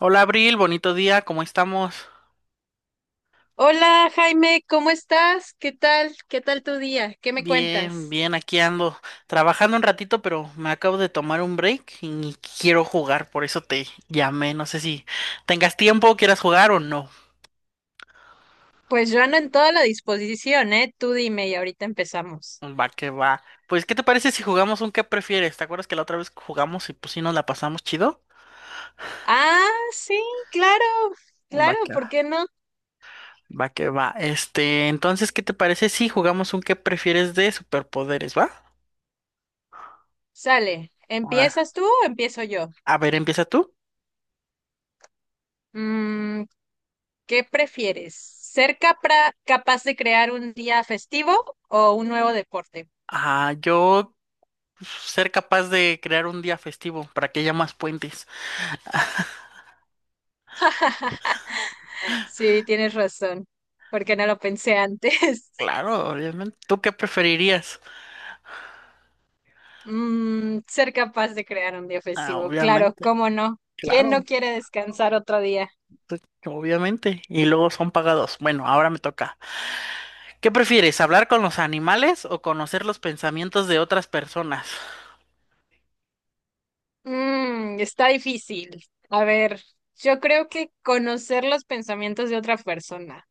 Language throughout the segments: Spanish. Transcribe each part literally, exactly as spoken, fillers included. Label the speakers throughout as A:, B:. A: Hola Abril, bonito día, ¿cómo estamos?
B: Hola Jaime, ¿cómo estás? ¿Qué tal? ¿Qué tal tu día? ¿Qué me
A: Bien,
B: cuentas?
A: bien, aquí ando trabajando un ratito, pero me acabo de tomar un break y quiero jugar, por eso te llamé, no sé si tengas tiempo, quieras jugar o no.
B: Pues yo ando en toda la disposición, ¿eh? Tú dime y ahorita empezamos.
A: Va que va. Pues, ¿qué te parece si jugamos un qué prefieres? ¿Te acuerdas que la otra vez jugamos y pues sí nos la pasamos chido?
B: Ah, sí, claro,
A: Va
B: claro,
A: que va,
B: ¿por qué no?
A: va que va. Este, entonces, ¿qué te parece si jugamos un qué prefieres de superpoderes, va?
B: Sale,
A: Ahora,
B: ¿empiezas tú o empiezo yo?
A: a ver, empieza tú.
B: Mm, ¿qué prefieres? ¿Ser capra- capaz de crear un día festivo o un nuevo deporte?
A: Ah, yo ser capaz de crear un día festivo para que haya más puentes.
B: Sí, tienes razón, porque no lo pensé antes.
A: Claro, obviamente. ¿Tú qué preferirías?
B: Mm, ser capaz de crear un día
A: Ah,
B: festivo, claro,
A: obviamente,
B: cómo no. ¿Quién no
A: claro,
B: quiere descansar otro día?
A: pues, obviamente. Y luego son pagados. Bueno, ahora me toca. ¿Qué prefieres, hablar con los animales o conocer los pensamientos de otras personas?
B: Mm, está difícil. A ver, yo creo que conocer los pensamientos de otra persona,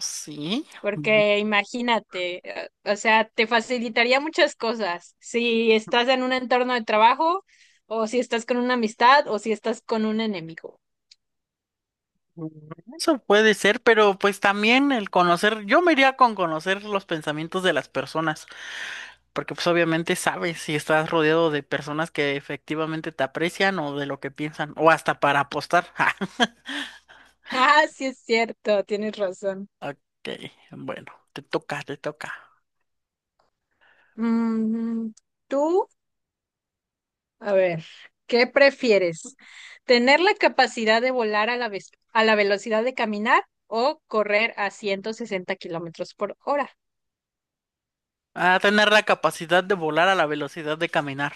A: Sí, mm,
B: porque imagínate, eh, o sea, te facilitaría muchas cosas si estás en un entorno de trabajo o si estás con una amistad o si estás con un enemigo.
A: eso puede ser, pero pues también el conocer, yo me iría con conocer los pensamientos de las personas. Porque pues obviamente sabes si estás rodeado de personas que efectivamente te aprecian o de lo que piensan, o hasta para apostar. Ja,
B: Ah, sí es cierto, tienes razón.
A: ok, bueno, te toca, te toca.
B: Mm, ¿tú? A ver, ¿qué prefieres? ¿Tener la capacidad de volar a la, vez- a la velocidad de caminar o correr a ciento sesenta kilómetros por hora?
A: A tener la capacidad de volar a la velocidad de caminar.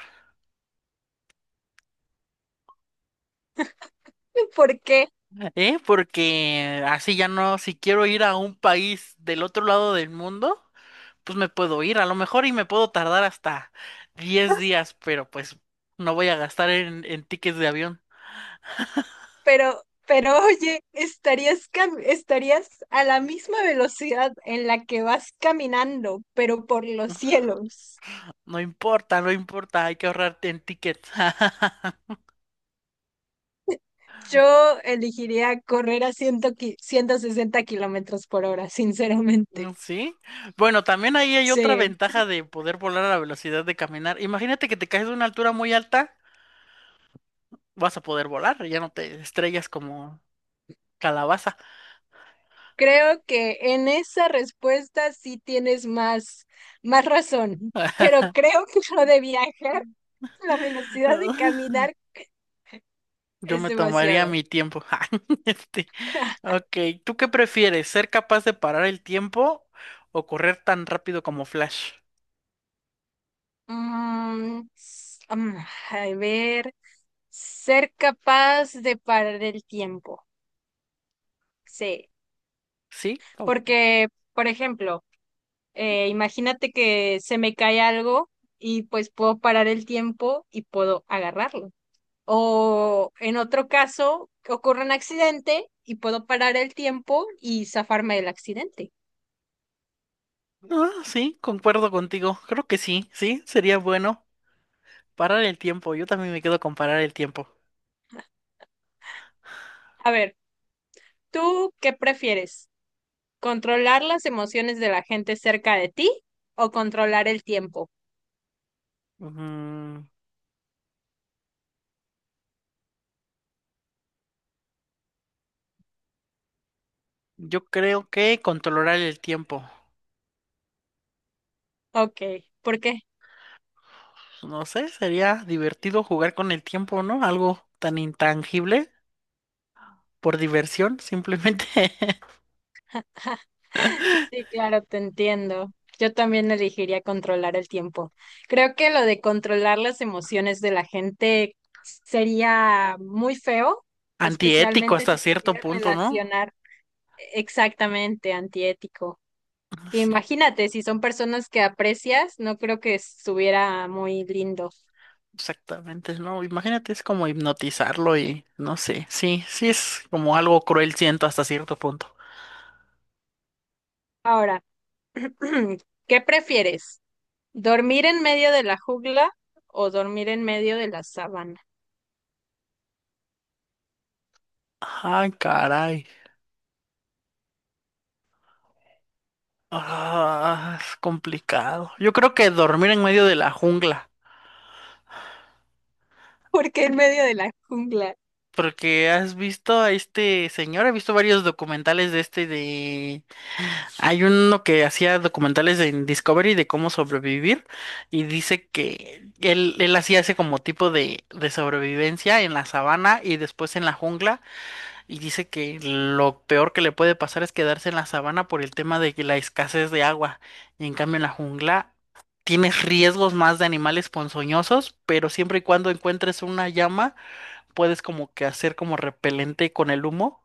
B: ¿Por qué?
A: ¿Eh? Porque así ya no, si quiero ir a un país del otro lado del mundo, pues me puedo ir a lo mejor y me puedo tardar hasta diez días, pero pues no voy a gastar en, en tickets de avión.
B: Pero, pero oye, estarías, cam- estarías a la misma velocidad en la que vas caminando, pero por los cielos.
A: No importa, no importa, hay que ahorrar en tickets.
B: Yo elegiría correr a cien ciento sesenta kilómetros por hora, sinceramente.
A: Mm, sí. Bueno, también ahí hay otra
B: Sí.
A: ventaja de poder volar a la velocidad de caminar. Imagínate que te caes de una altura muy alta, vas a poder volar, ya no te estrellas como calabaza.
B: Creo que en esa respuesta sí tienes más, más razón, pero creo que lo de viajar, a la velocidad de caminar
A: Yo
B: es
A: me tomaría
B: demasiado.
A: mi tiempo. Este, ok, ¿tú qué prefieres? ¿Ser capaz de parar el tiempo o correr tan rápido como Flash?
B: Mm, s- mm, a ver, ser capaz de parar el tiempo, sí,
A: ¿Sí? o-
B: porque, por ejemplo, eh, imagínate que se me cae algo y pues puedo parar el tiempo y puedo agarrarlo. O en otro caso, ocurre un accidente y puedo parar el tiempo y zafarme del accidente.
A: Ah, sí, concuerdo contigo. Creo que sí, sí, sería bueno parar el tiempo. Yo también me quedo con parar el tiempo.
B: A ver, ¿tú qué prefieres? ¿Controlar las emociones de la gente cerca de ti o controlar el tiempo?
A: Ujú. Yo creo que controlar el tiempo.
B: Ok, ¿por qué?
A: No sé, sería divertido jugar con el tiempo, ¿no? Algo tan intangible por diversión, simplemente.
B: Sí, claro, te entiendo. Yo también elegiría controlar el tiempo. Creo que lo de controlar las emociones de la gente sería muy feo,
A: Antiético
B: especialmente
A: hasta
B: si te
A: cierto
B: quieres
A: punto, ¿no?
B: relacionar. Exactamente, antiético.
A: Sí,
B: Imagínate, si son personas que aprecias, no creo que estuviera muy lindo.
A: exactamente, ¿no? Imagínate, es como hipnotizarlo y no sé, sí, sí es como algo cruel, siento hasta cierto punto.
B: Ahora, ¿qué prefieres? ¿Dormir en medio de la jungla o dormir en medio de la sabana?
A: Ay, caray. Ah, es complicado. Yo creo que dormir en medio de la jungla.
B: ¿Por qué en medio de la jungla?
A: Porque has visto a este señor, he visto varios documentales de este de... Hay uno que hacía documentales en Discovery de cómo sobrevivir y dice que él, él hacía ese como tipo de, de sobrevivencia en la sabana y después en la jungla y dice que lo peor que le puede pasar es quedarse en la sabana por el tema de que la escasez de agua y en cambio en la jungla tienes riesgos más de animales ponzoñosos, pero siempre y cuando encuentres una llama puedes como que hacer como repelente con el humo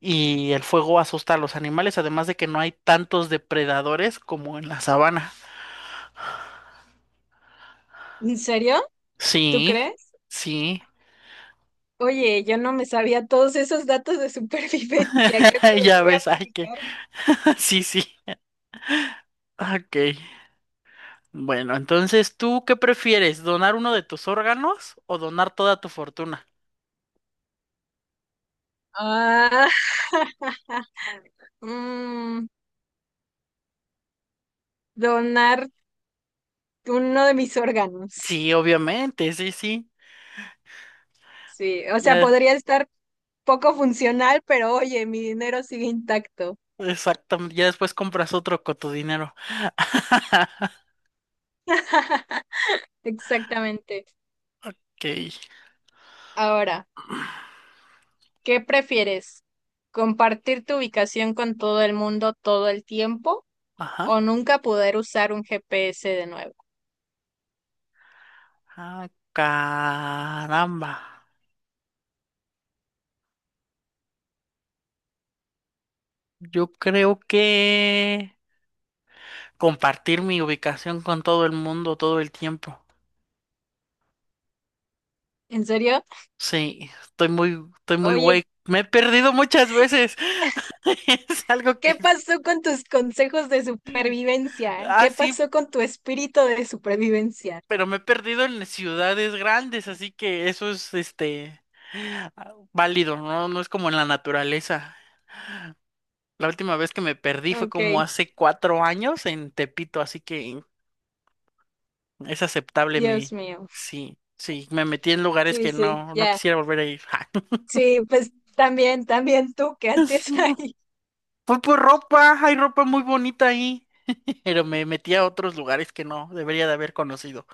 A: y el fuego asusta a los animales, además de que no hay tantos depredadores como en la sabana.
B: ¿En serio? ¿Tú
A: Sí,
B: crees?
A: sí,
B: Oye, yo no me sabía todos esos datos de supervivencia, creo que los
A: ya
B: voy a
A: ves, ay que,
B: aplicar.
A: sí, sí, ok. Bueno, entonces, ¿tú qué prefieres? ¿Donar uno de tus órganos o donar toda tu fortuna?
B: Ah, mm, donar uno de mis órganos.
A: Sí, obviamente, sí, sí,
B: Sí, o sea,
A: ya,
B: podría estar poco funcional, pero oye, mi dinero sigue intacto.
A: exactamente, ya después compras otro con tu dinero.
B: Exactamente.
A: Ok,
B: Ahora, ¿qué prefieres? ¿Compartir tu ubicación con todo el mundo todo el tiempo
A: ajá,
B: o nunca poder usar un G P S de nuevo?
A: ah, caramba. Yo creo que compartir mi ubicación con todo el mundo todo el tiempo.
B: ¿En serio?
A: Sí, estoy muy, estoy muy güey.
B: Oye,
A: Me he perdido muchas veces. Es algo que,
B: ¿qué pasó con tus consejos de supervivencia?
A: ah,
B: ¿Qué
A: sí,
B: pasó con tu espíritu de supervivencia?
A: pero me he perdido en ciudades grandes, así que eso es, este, ah, válido, ¿no? No es como en la naturaleza. La última vez que me perdí fue
B: Ok,
A: como hace cuatro años en Tepito, así que es aceptable mi,
B: Dios mío.
A: sí, sí, me metí en lugares
B: Sí,
A: que
B: sí,
A: no, no
B: ya.
A: quisiera volver a ir.
B: Sí, pues también, también tú, ¿qué haces ahí?
A: Fue por ropa, hay ropa muy bonita ahí, pero me metí a otros lugares que no debería de haber conocido.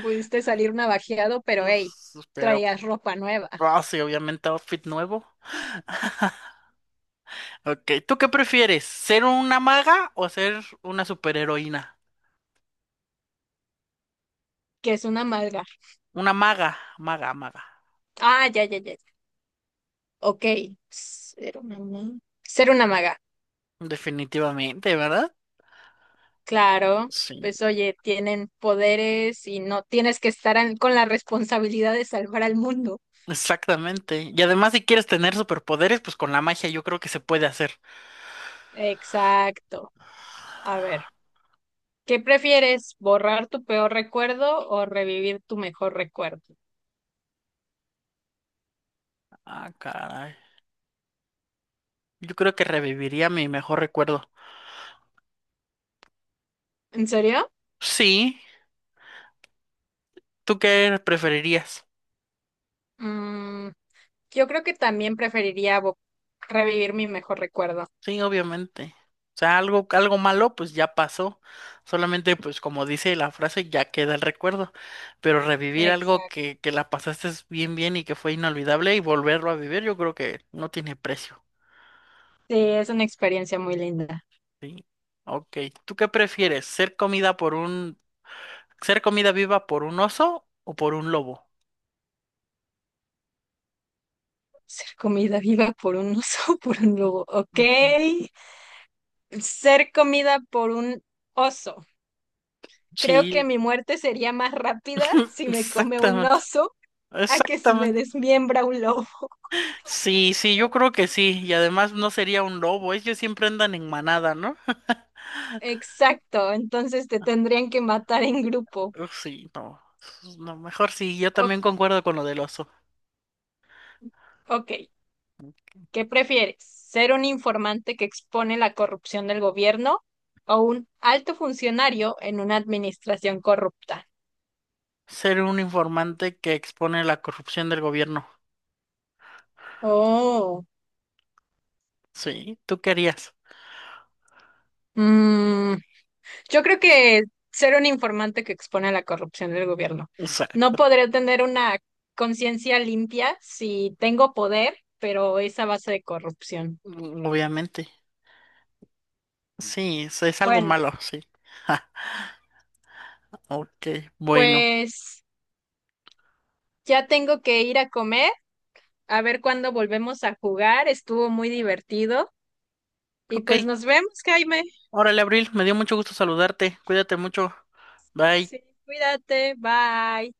B: Pudiste salir navajeado, pero hey,
A: Uf, pero,
B: traías ropa nueva,
A: ah, sí, obviamente outfit nuevo. Ok, ¿tú qué prefieres? ¿Ser una maga o ser una superheroína?
B: que es una maga.
A: Una maga, maga, maga.
B: Ah, ya, ya, ya. ya. Ok, ser una maga. Ser una maga,
A: Definitivamente, ¿verdad?
B: claro.
A: Sí,
B: Pues oye, tienen poderes y no tienes que estar an- con la responsabilidad de salvar al mundo.
A: exactamente. Y además, si quieres tener superpoderes, pues con la magia yo creo que se puede hacer.
B: Exacto. A ver, ¿qué prefieres? ¿Borrar tu peor recuerdo o revivir tu mejor recuerdo?
A: Ah, caray. Yo creo que reviviría mi mejor recuerdo.
B: ¿En serio?
A: Sí, ¿tú qué preferirías?
B: Mm, yo creo que también preferiría bo- revivir mi mejor recuerdo.
A: Sí, obviamente. O sea, algo, algo malo, pues ya pasó. Solamente, pues como dice la frase, ya queda el recuerdo. Pero revivir algo
B: Exacto.
A: que, que la pasaste bien, bien y que fue inolvidable y volverlo a vivir, yo creo que no tiene precio.
B: Sí, es una experiencia muy linda.
A: Sí. Ok. ¿Tú qué prefieres? ¿Ser comida por un, ser comida viva por un oso o por un lobo?
B: Ser comida viva por un oso, por un lobo. Ok.
A: Ujú.
B: Ser comida por un oso. Creo que
A: Sí,
B: mi muerte sería más rápida si me come un
A: exactamente.
B: oso a que si me
A: Exactamente.
B: desmiembra un lobo.
A: Sí, sí, yo creo que sí. Y además no sería un lobo. Ellos siempre andan en manada, ¿no?
B: Exacto. Entonces te tendrían que matar en grupo.
A: Uf, sí, no. No, mejor sí, yo
B: O-
A: también concuerdo con lo del oso.
B: ok. ¿Qué prefieres? ¿Ser un informante que expone la corrupción del gobierno o un alto funcionario en una administración corrupta?
A: Ser un informante que expone la corrupción del gobierno.
B: Oh.
A: Sí, ¿tú qué harías?
B: Mm, yo creo que ser un informante que expone a la corrupción del gobierno. No
A: Exacto.
B: podré tener una conciencia limpia si tengo poder, pero es a base de corrupción.
A: Mm, obviamente. Sí, es, es algo
B: Bueno,
A: malo, sí. Ok, bueno.
B: pues ya tengo que ir a comer, a ver cuándo volvemos a jugar. Estuvo muy divertido. Y
A: Ok.
B: pues nos vemos, Jaime.
A: Órale, Abril, me dio mucho gusto saludarte. Cuídate mucho. Bye.
B: Sí, cuídate. Bye.